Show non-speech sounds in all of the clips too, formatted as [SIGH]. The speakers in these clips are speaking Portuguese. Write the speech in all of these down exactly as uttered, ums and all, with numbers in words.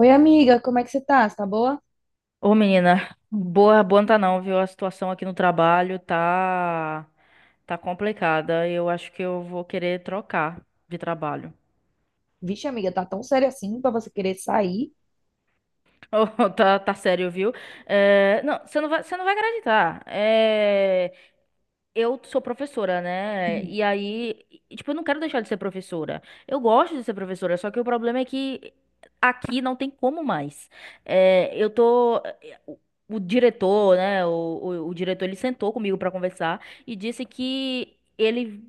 Oi, amiga, como é que você tá? Você tá boa? Ô, menina, boa, boa não tá não, viu? A situação aqui no trabalho tá tá complicada. Eu acho que eu vou querer trocar de trabalho. Vixe, amiga, tá tão sério assim pra você querer sair? Oh, [LAUGHS] tá, tá sério, viu? É, não, você não vai, você não vai acreditar. É, eu sou professora, né? Uhum. E aí, e, tipo, eu não quero deixar de ser professora. Eu gosto de ser professora, só que o problema é que aqui não tem como mais. É, eu tô. eh, O o diretor, né? O, o, o diretor, ele sentou comigo pra conversar e disse que ele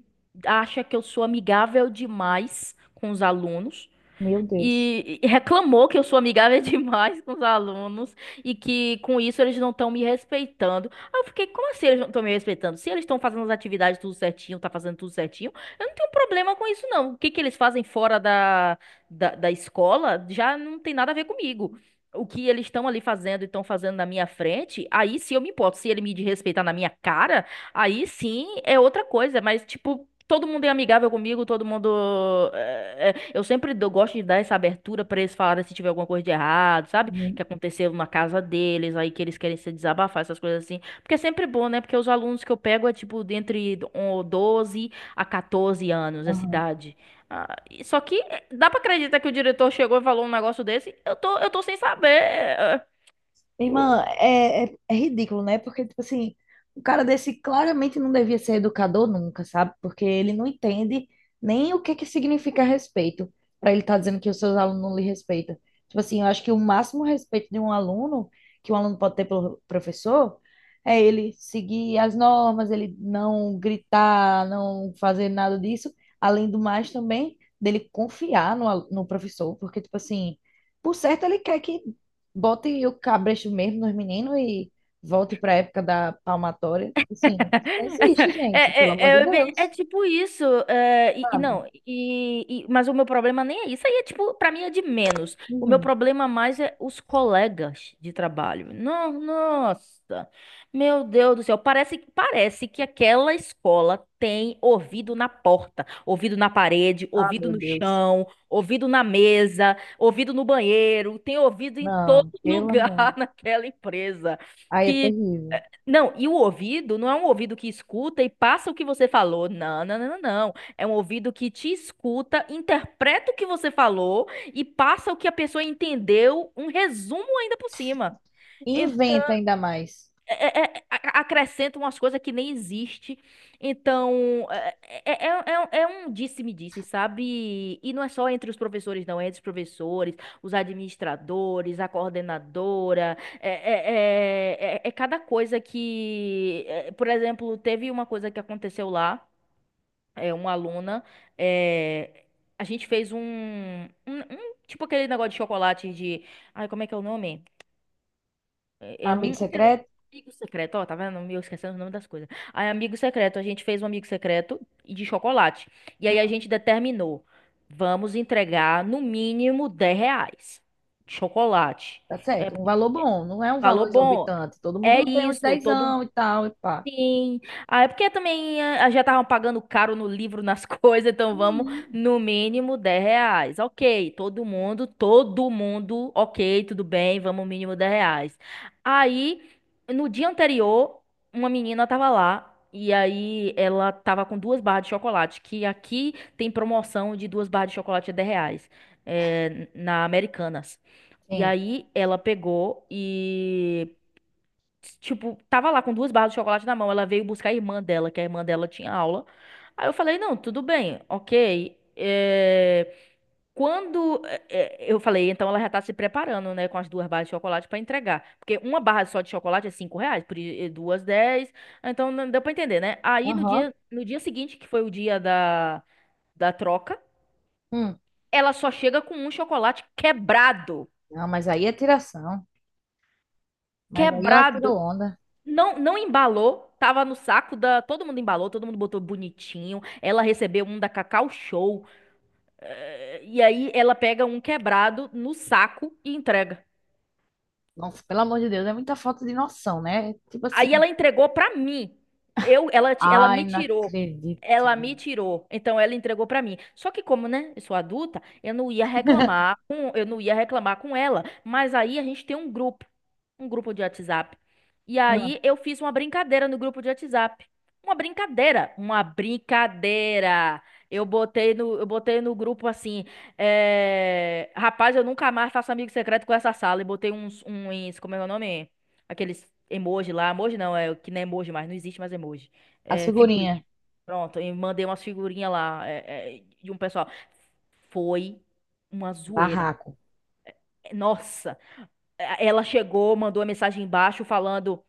acha que eu sou amigável demais com os alunos Meu Deus. e e reclamou que eu sou amigável [LAUGHS] demais com os alunos e que com isso eles não estão me respeitando. Aí eu fiquei, como assim eles não estão me respeitando? Se eles estão fazendo as atividades tudo certinho, tá fazendo tudo certinho, eu não tenho problema com isso não. O que que eles fazem fora da, da, da escola já não tem nada a ver comigo. O que eles estão ali fazendo e estão fazendo na minha frente, aí sim eu me importo. Se ele me desrespeitar na minha cara, aí sim é outra coisa. Mas, tipo, todo mundo é amigável comigo, todo mundo. é, é, eu sempre dou- gosto de dar essa abertura pra eles falarem se tiver alguma coisa de errado, sabe? Uhum. Que aconteceu na casa deles, aí que eles querem se desabafar, essas coisas assim. Porque é sempre bom, né? Porque os alunos que eu pego é tipo de entre doze a catorze anos, essa Aham. idade. Ah, e- só que é, dá pra acreditar que o diretor chegou e falou um negócio desse? Eu tô, eu tô sem saber. Irmã, é, é, é ridículo, né? Porque, tipo assim, o cara desse claramente não devia ser educador nunca, sabe? Porque ele não entende nem o que que significa respeito, para ele estar dizendo que os seus alunos não lhe respeitam. Tipo assim, eu acho que o máximo respeito de um aluno, que um aluno pode ter pelo professor, é ele seguir as normas, ele não gritar, não fazer nada disso. Além do mais, também, dele confiar no, alu- no professor, porque, tipo assim, por certo, ele quer que bote o cabresto mesmo nos meninos e volte para a época da palmatória. Assim, não [LAUGHS] existe, É, gente, pelo amor de é, é, bem- é Deus, tipo isso. é, e, e sabe? não, e, e- mas o meu problema nem é isso. Aí é tipo, pra mim é de menos. O meu Uhum. problema mais é os colegas de trabalho. Não, nossa, meu Deus do céu. Parece, parece que aquela escola tem ouvido na porta, ouvido na parede, Ah, ouvido meu no Deus. chão, ouvido na mesa, ouvido no banheiro, tem ouvido em todo Não, [LAUGHS] pelo amor. lugar naquela empresa Aí é terrível. não, e o ouvido não é um ouvido que escuta e passa o que você falou. Não, não, não, não. Não. É um ouvido que te escuta, interpreta o que você falou e passa o que a pessoa entendeu, um resumo ainda por cima E inventa ainda mais. é- é- a- acrescenta umas coisas que nem existe. Então, é, é, é, é é um disse-me-disse, sabe? E não é só entre os professores, não. É entre os professores, os administradores, a coordenadora. É, é, é, é- é- cada coisa que... é, por exemplo, teve uma coisa que aconteceu lá. É, uma aluna... é, a gente fez um, um, um- tipo aquele negócio de chocolate de... Ai, como é que é o nome? É é um Amigo aquele secreto, amigo secreto, ó, tá vendo? Eu esquecendo o nome das coisas. Aí, amigo secreto, a gente fez um amigo secreto e de chocolate. E aí a gente determinou, vamos entregar no mínimo dez reais de chocolate. tá certo? Um valor bom, não é um Valor valor bom. exorbitante. Todo É mundo tem uns isso, todo. dezão e tal, e pá. Sim. Ah, é porque também ah, já estavam pagando caro no livro, nas [LAUGHS] coisas, então vamos Uhum. no mínimo dez reais. Ok, todo mundo, todo mundo, ok, tudo bem, vamos mínimo dez reais. Aí, no dia anterior, uma menina tava lá e aí ela tava com duas barras de chocolate, que aqui tem promoção de duas barras de chocolate a dez reais, é, na Americanas. E Sim. aí ela pegou e tipo, tava lá com duas barras de chocolate na mão. Ela veio buscar a irmã dela, que a irmã dela tinha aula. Aí eu falei, não, tudo bem, ok. É, Quando é, é, eu falei, então ela já tá se preparando, né, com as duas barras de chocolate pra entregar. Porque uma barra só de chocolate é cinco reais, por i- eh, duas, dez. Então não deu pra entender, né? Aí no Aham. dia, no dia seguinte, que foi o dia da, da troca, Hum. ela só chega com um chocolate quebrado. Não, mas aí é tiração. Mas aí ela Quebrado. tirou onda. Não, não embalou, tava no saco da. Todo mundo embalou, todo mundo botou bonitinho. Ela recebeu um da Cacau Show. eh, e aí ela pega um quebrado no saco e entrega. Nossa, pelo amor de Deus, é muita falta de noção, né? Tipo Aí assim, ela entregou para mim. Eu, ela, ti- ela ai, me não tirou. acredito. Ela me tirou. Então ela entregou para mim. Só que como, né, eu sou adulta, eu não ia reclamar com, eu não ia reclamar com ela, mas aí a gente tem um grupo, um grupo de WhatsApp. E Ah, aí eu fiz uma brincadeira no grupo de WhatsApp. Uma brincadeira, uma brincadeira. Eu botei no, eu botei no grupo assim, eh, rapaz, eu nunca mais faço amigo secreto com essa sala. E botei uns, uns, como é o nome? Aqueles emoji lá. Emoji não, é que não é emoji mais, não existe mais emoji. as É figurinha. figurinhas. Pronto, e mandei umas figurinhas lá é, é, de um pessoal. Foi uma zoeira. Barraco. Nossa, é, ela chegou, mandou uma mensagem embaixo falando: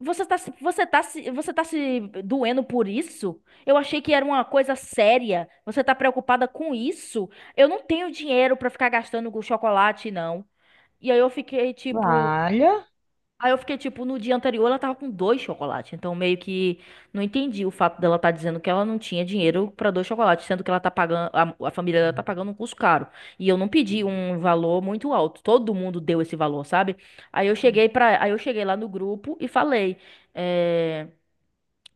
Você tá, se- você tá, se- você tá se doendo por isso? Eu achei que era uma coisa séria. Você tá preocupada com isso? Eu não tenho dinheiro pra ficar gastando com chocolate, não. E aí eu fiquei tipo. Olha. Aí eu fiquei tipo, no dia anterior ela tava com dois chocolates. Então meio que não entendi o fato dela tá dizendo que ela não tinha dinheiro pra dois chocolates, sendo que ela tá pagando, a, a família dela tá pagando um custo caro. E eu não pedi um valor muito alto. Todo mundo deu esse valor, sabe? Aí eu cheguei para, aí eu cheguei lá no grupo e falei, é.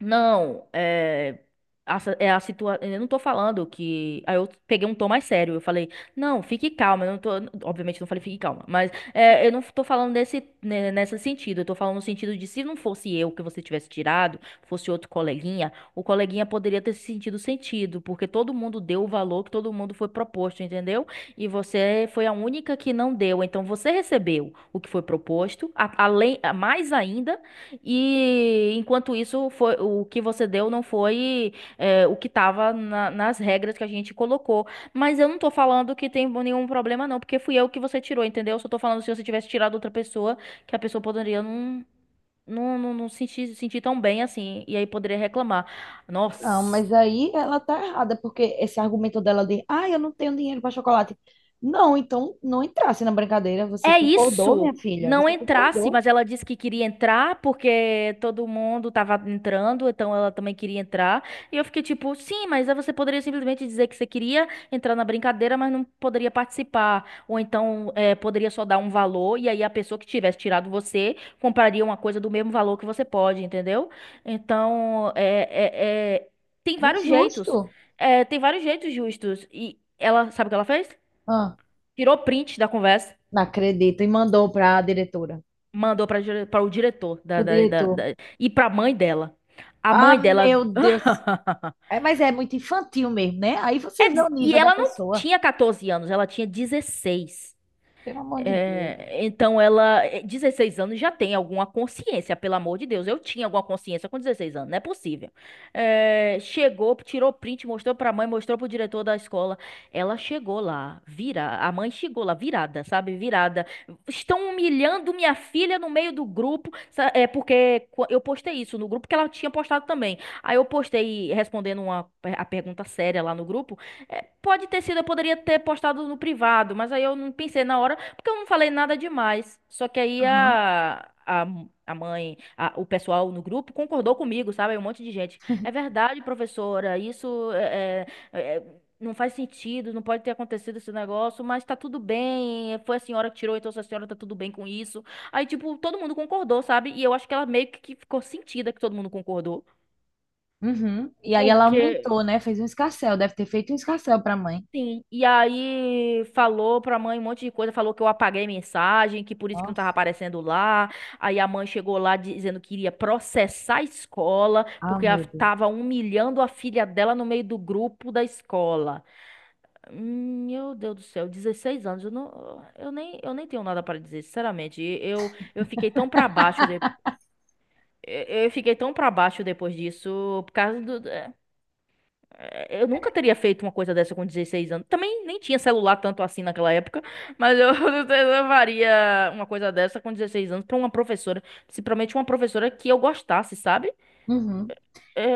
Não, é. A, si- é a situa... Eu não tô falando que. Aí eu peguei um tom mais sério. Eu falei, não, fique calma. Eu não tô... Obviamente, eu não falei fique calma. Mas é, eu não tô falando nesse, ne- nesse sentido. Eu tô falando no sentido de se não fosse eu que você tivesse tirado, fosse outro coleguinha, o coleguinha poderia ter se sentido sentido. Porque todo mundo deu o valor que todo mundo foi proposto, entendeu? E você foi a única que não deu. Então você recebeu o que foi proposto, a- além, mais ainda. E enquanto isso, foi, o que você deu não foi é, o que estava nas regras que a gente colocou. Mas eu não tô falando que tem nenhum problema, não, porque fui eu que você tirou, entendeu? Eu só tô falando se você tivesse tirado outra pessoa, que a pessoa poderia não, não, não, não sentir, sentir tão bem assim, e aí poderia reclamar. Não, Nossa. mas aí ela tá errada, porque esse argumento dela de, ah, eu não tenho dinheiro para chocolate. Não, então não entrasse na brincadeira. Você É concordou, minha isso. filha? Não Você entrasse, concordou? mas ela disse que queria entrar porque todo mundo tava entrando, então ela também queria entrar. E eu fiquei tipo, sim, mas aí você poderia simplesmente dizer que você queria entrar na brincadeira, mas não poderia participar. Ou então eh, poderia só dar um valor e aí a pessoa que tivesse tirado você compraria uma coisa do mesmo valor que você pode, entendeu? Então, é, é- é- tem É vários jeitos. injusto. É, tem vários jeitos justos. E ela, sabe o que ela fez? Ah, Tirou print da conversa. não acredito. E mandou para a diretora. Mandou para o diretor da, O da, da, da, diretor. e para a mãe dela. A mãe Ah, dela. meu Deus. [LAUGHS] É, mas é muito infantil mesmo, né? Aí você É, vê o des- e nível da ela não pessoa. tinha catorze anos, ela tinha dezesseis Pelo amor de Deus. é, então ela, eh, dezesseis anos já tem alguma consciência, pelo amor de Deus. Eu tinha alguma consciência com dezesseis anos, não é possível. Eh, chegou, tirou print, mostrou pra mãe, mostrou pro diretor da escola. Ela chegou lá, vira, a mãe chegou lá, virada, sabe? Virada. Estão humilhando minha filha no meio do grupo, sa- é porque qu- eu postei isso no grupo que ela tinha postado também. Aí eu postei respondendo uma, a pergunta séria lá no grupo. É, Pode ter sido, eu poderia ter postado no privado, mas aí eu não pensei na hora. Porque eu não falei nada demais. Só que aí Aham. a, a, a mãe, a- o pessoal no grupo concordou comigo, sabe? Um monte de gente. É verdade, professora, isso é, é- é- não faz sentido, não pode ter acontecido esse negócio, mas tá tudo bem. Foi a senhora que tirou, então se a senhora tá tudo bem com isso. Aí, tipo, todo mundo concordou, sabe? E eu acho que ela meio que ficou sentida que todo mundo concordou. Uhum. E aí ela Porque aumentou, né? Fez um escarcéu, deve ter feito um escarcéu para a mãe. sim, e aí falou pra mãe um monte de coisa, falou que eu apaguei mensagem, que por isso que não tava Nossa. aparecendo lá. Aí a mãe chegou lá dizendo que iria processar a escola, Ah, porque ela meu Deus. tava humilhando a filha dela no meio do grupo da escola. Hum, Meu Deus do céu, dezesseis anos, eu não, eu nem, eu nem tenho nada pra dizer, sinceramente. Eu, eu fiquei tão pra baixo de, eu eu fiquei tão pra baixo depois disso, por causa do, é, eu nunca teria feito uma coisa dessa com dezesseis anos. Também nem tinha celular tanto assim naquela época, mas eu, [LAUGHS] eu faria uma coisa dessa com dezesseis anos pra uma professora, principalmente uma professora que eu gostasse, sabe? Uhum.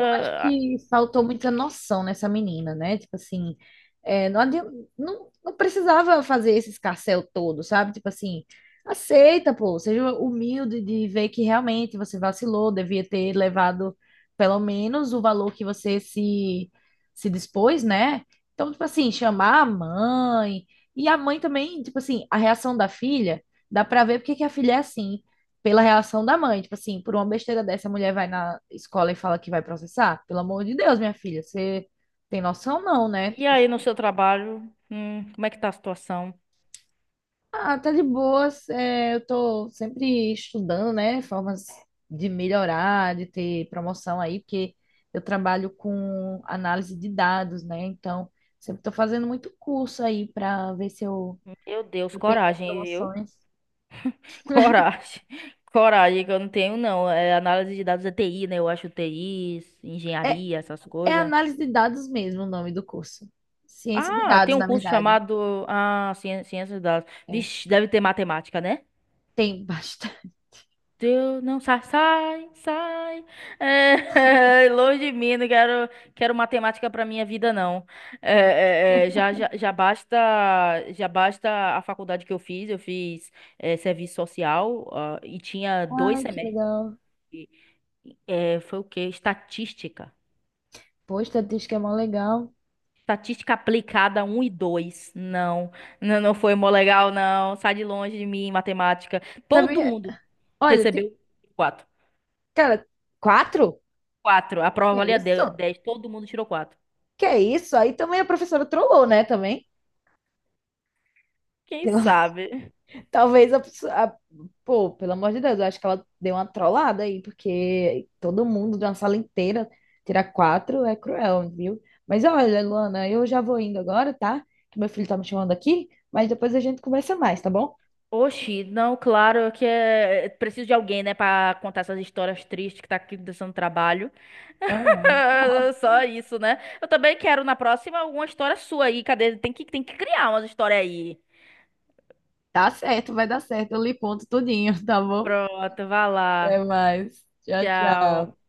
Eu acho que faltou muita noção nessa menina, né? Tipo assim, é, não, adi- não, não precisava fazer esse escarcéu todo, sabe? Tipo assim, aceita, pô, seja humilde de ver que realmente você vacilou, devia ter levado pelo menos o valor que você se, se dispôs, né? Então, tipo assim, chamar a mãe. E a mãe também, tipo assim, a reação da filha, dá pra ver porque que a filha é assim pela reação da mãe. Tipo assim, por uma besteira dessa, a mulher vai na escola e fala que vai processar. Pelo amor de Deus, minha filha, você tem noção não, né? e Tipo, aí no seu trabalho, hum, como é que tá a situação? ah, tá de boas, é, eu tô sempre estudando, né? Formas de melhorar, de ter promoção aí, porque eu trabalho com análise de dados, né? Então, sempre tô fazendo muito curso aí para ver se eu, Meu Deus, eu tenho mais coragem, viu? promoções. [LAUGHS] Coragem. Coragem que eu não tenho, não. É análise de dados é T I, né? Eu acho T I, É, engenharia, essas é coisas. análise de dados mesmo o nome do curso. Ciência de Ah, tem dados, um na curso verdade. chamado ah, ciên- ciência de dados. É. Vixe, deve ter matemática, né? Tem bastante. Deus, não sai, sai, sai. É, [LAUGHS] longe de mim, não quero, quero matemática para minha vida, não. É, é, é, já, já, já basta, já basta a faculdade que eu fiz. Eu fiz é, serviço social ah, e tinha dois Ai, que semestres. legal. É, foi o quê? Estatística. Pô, estatística é mó legal. Estatística aplicada um e dois. Não, não, não foi mó legal, não. Sai de longe de mim, matemática. Todo Sabia? mundo Olha, tem- recebeu quatro. cara, quatro? Quatro. A prova Que é valia isso? de- dez. Todo mundo tirou quatro. Que é isso? Aí também a professora trollou, né? Também. Quem Pelo- sabe? [LAUGHS] Talvez a, pessoa- a- pô, pelo amor de Deus, eu acho que ela deu uma trollada aí, porque todo mundo de uma sala inteira tirar quatro é cruel, viu? Mas olha, Luana, eu já vou indo agora, tá? Que meu filho tá me chamando aqui, mas depois a gente conversa mais, tá bom? Oxi, não, claro que é... Preciso de alguém, né, pra contar essas histórias tristes que tá aqui dando trabalho. Ah, [LAUGHS] Só isso, né? Eu também quero na próxima alguma história sua aí. Cadê? Tem que, tem que criar umas histórias aí. tá certo, vai dar certo. Eu lhe conto tudinho, [LAUGHS] tá bom? Pronto, vai Até lá. mais. Tchau, tchau. Tchau.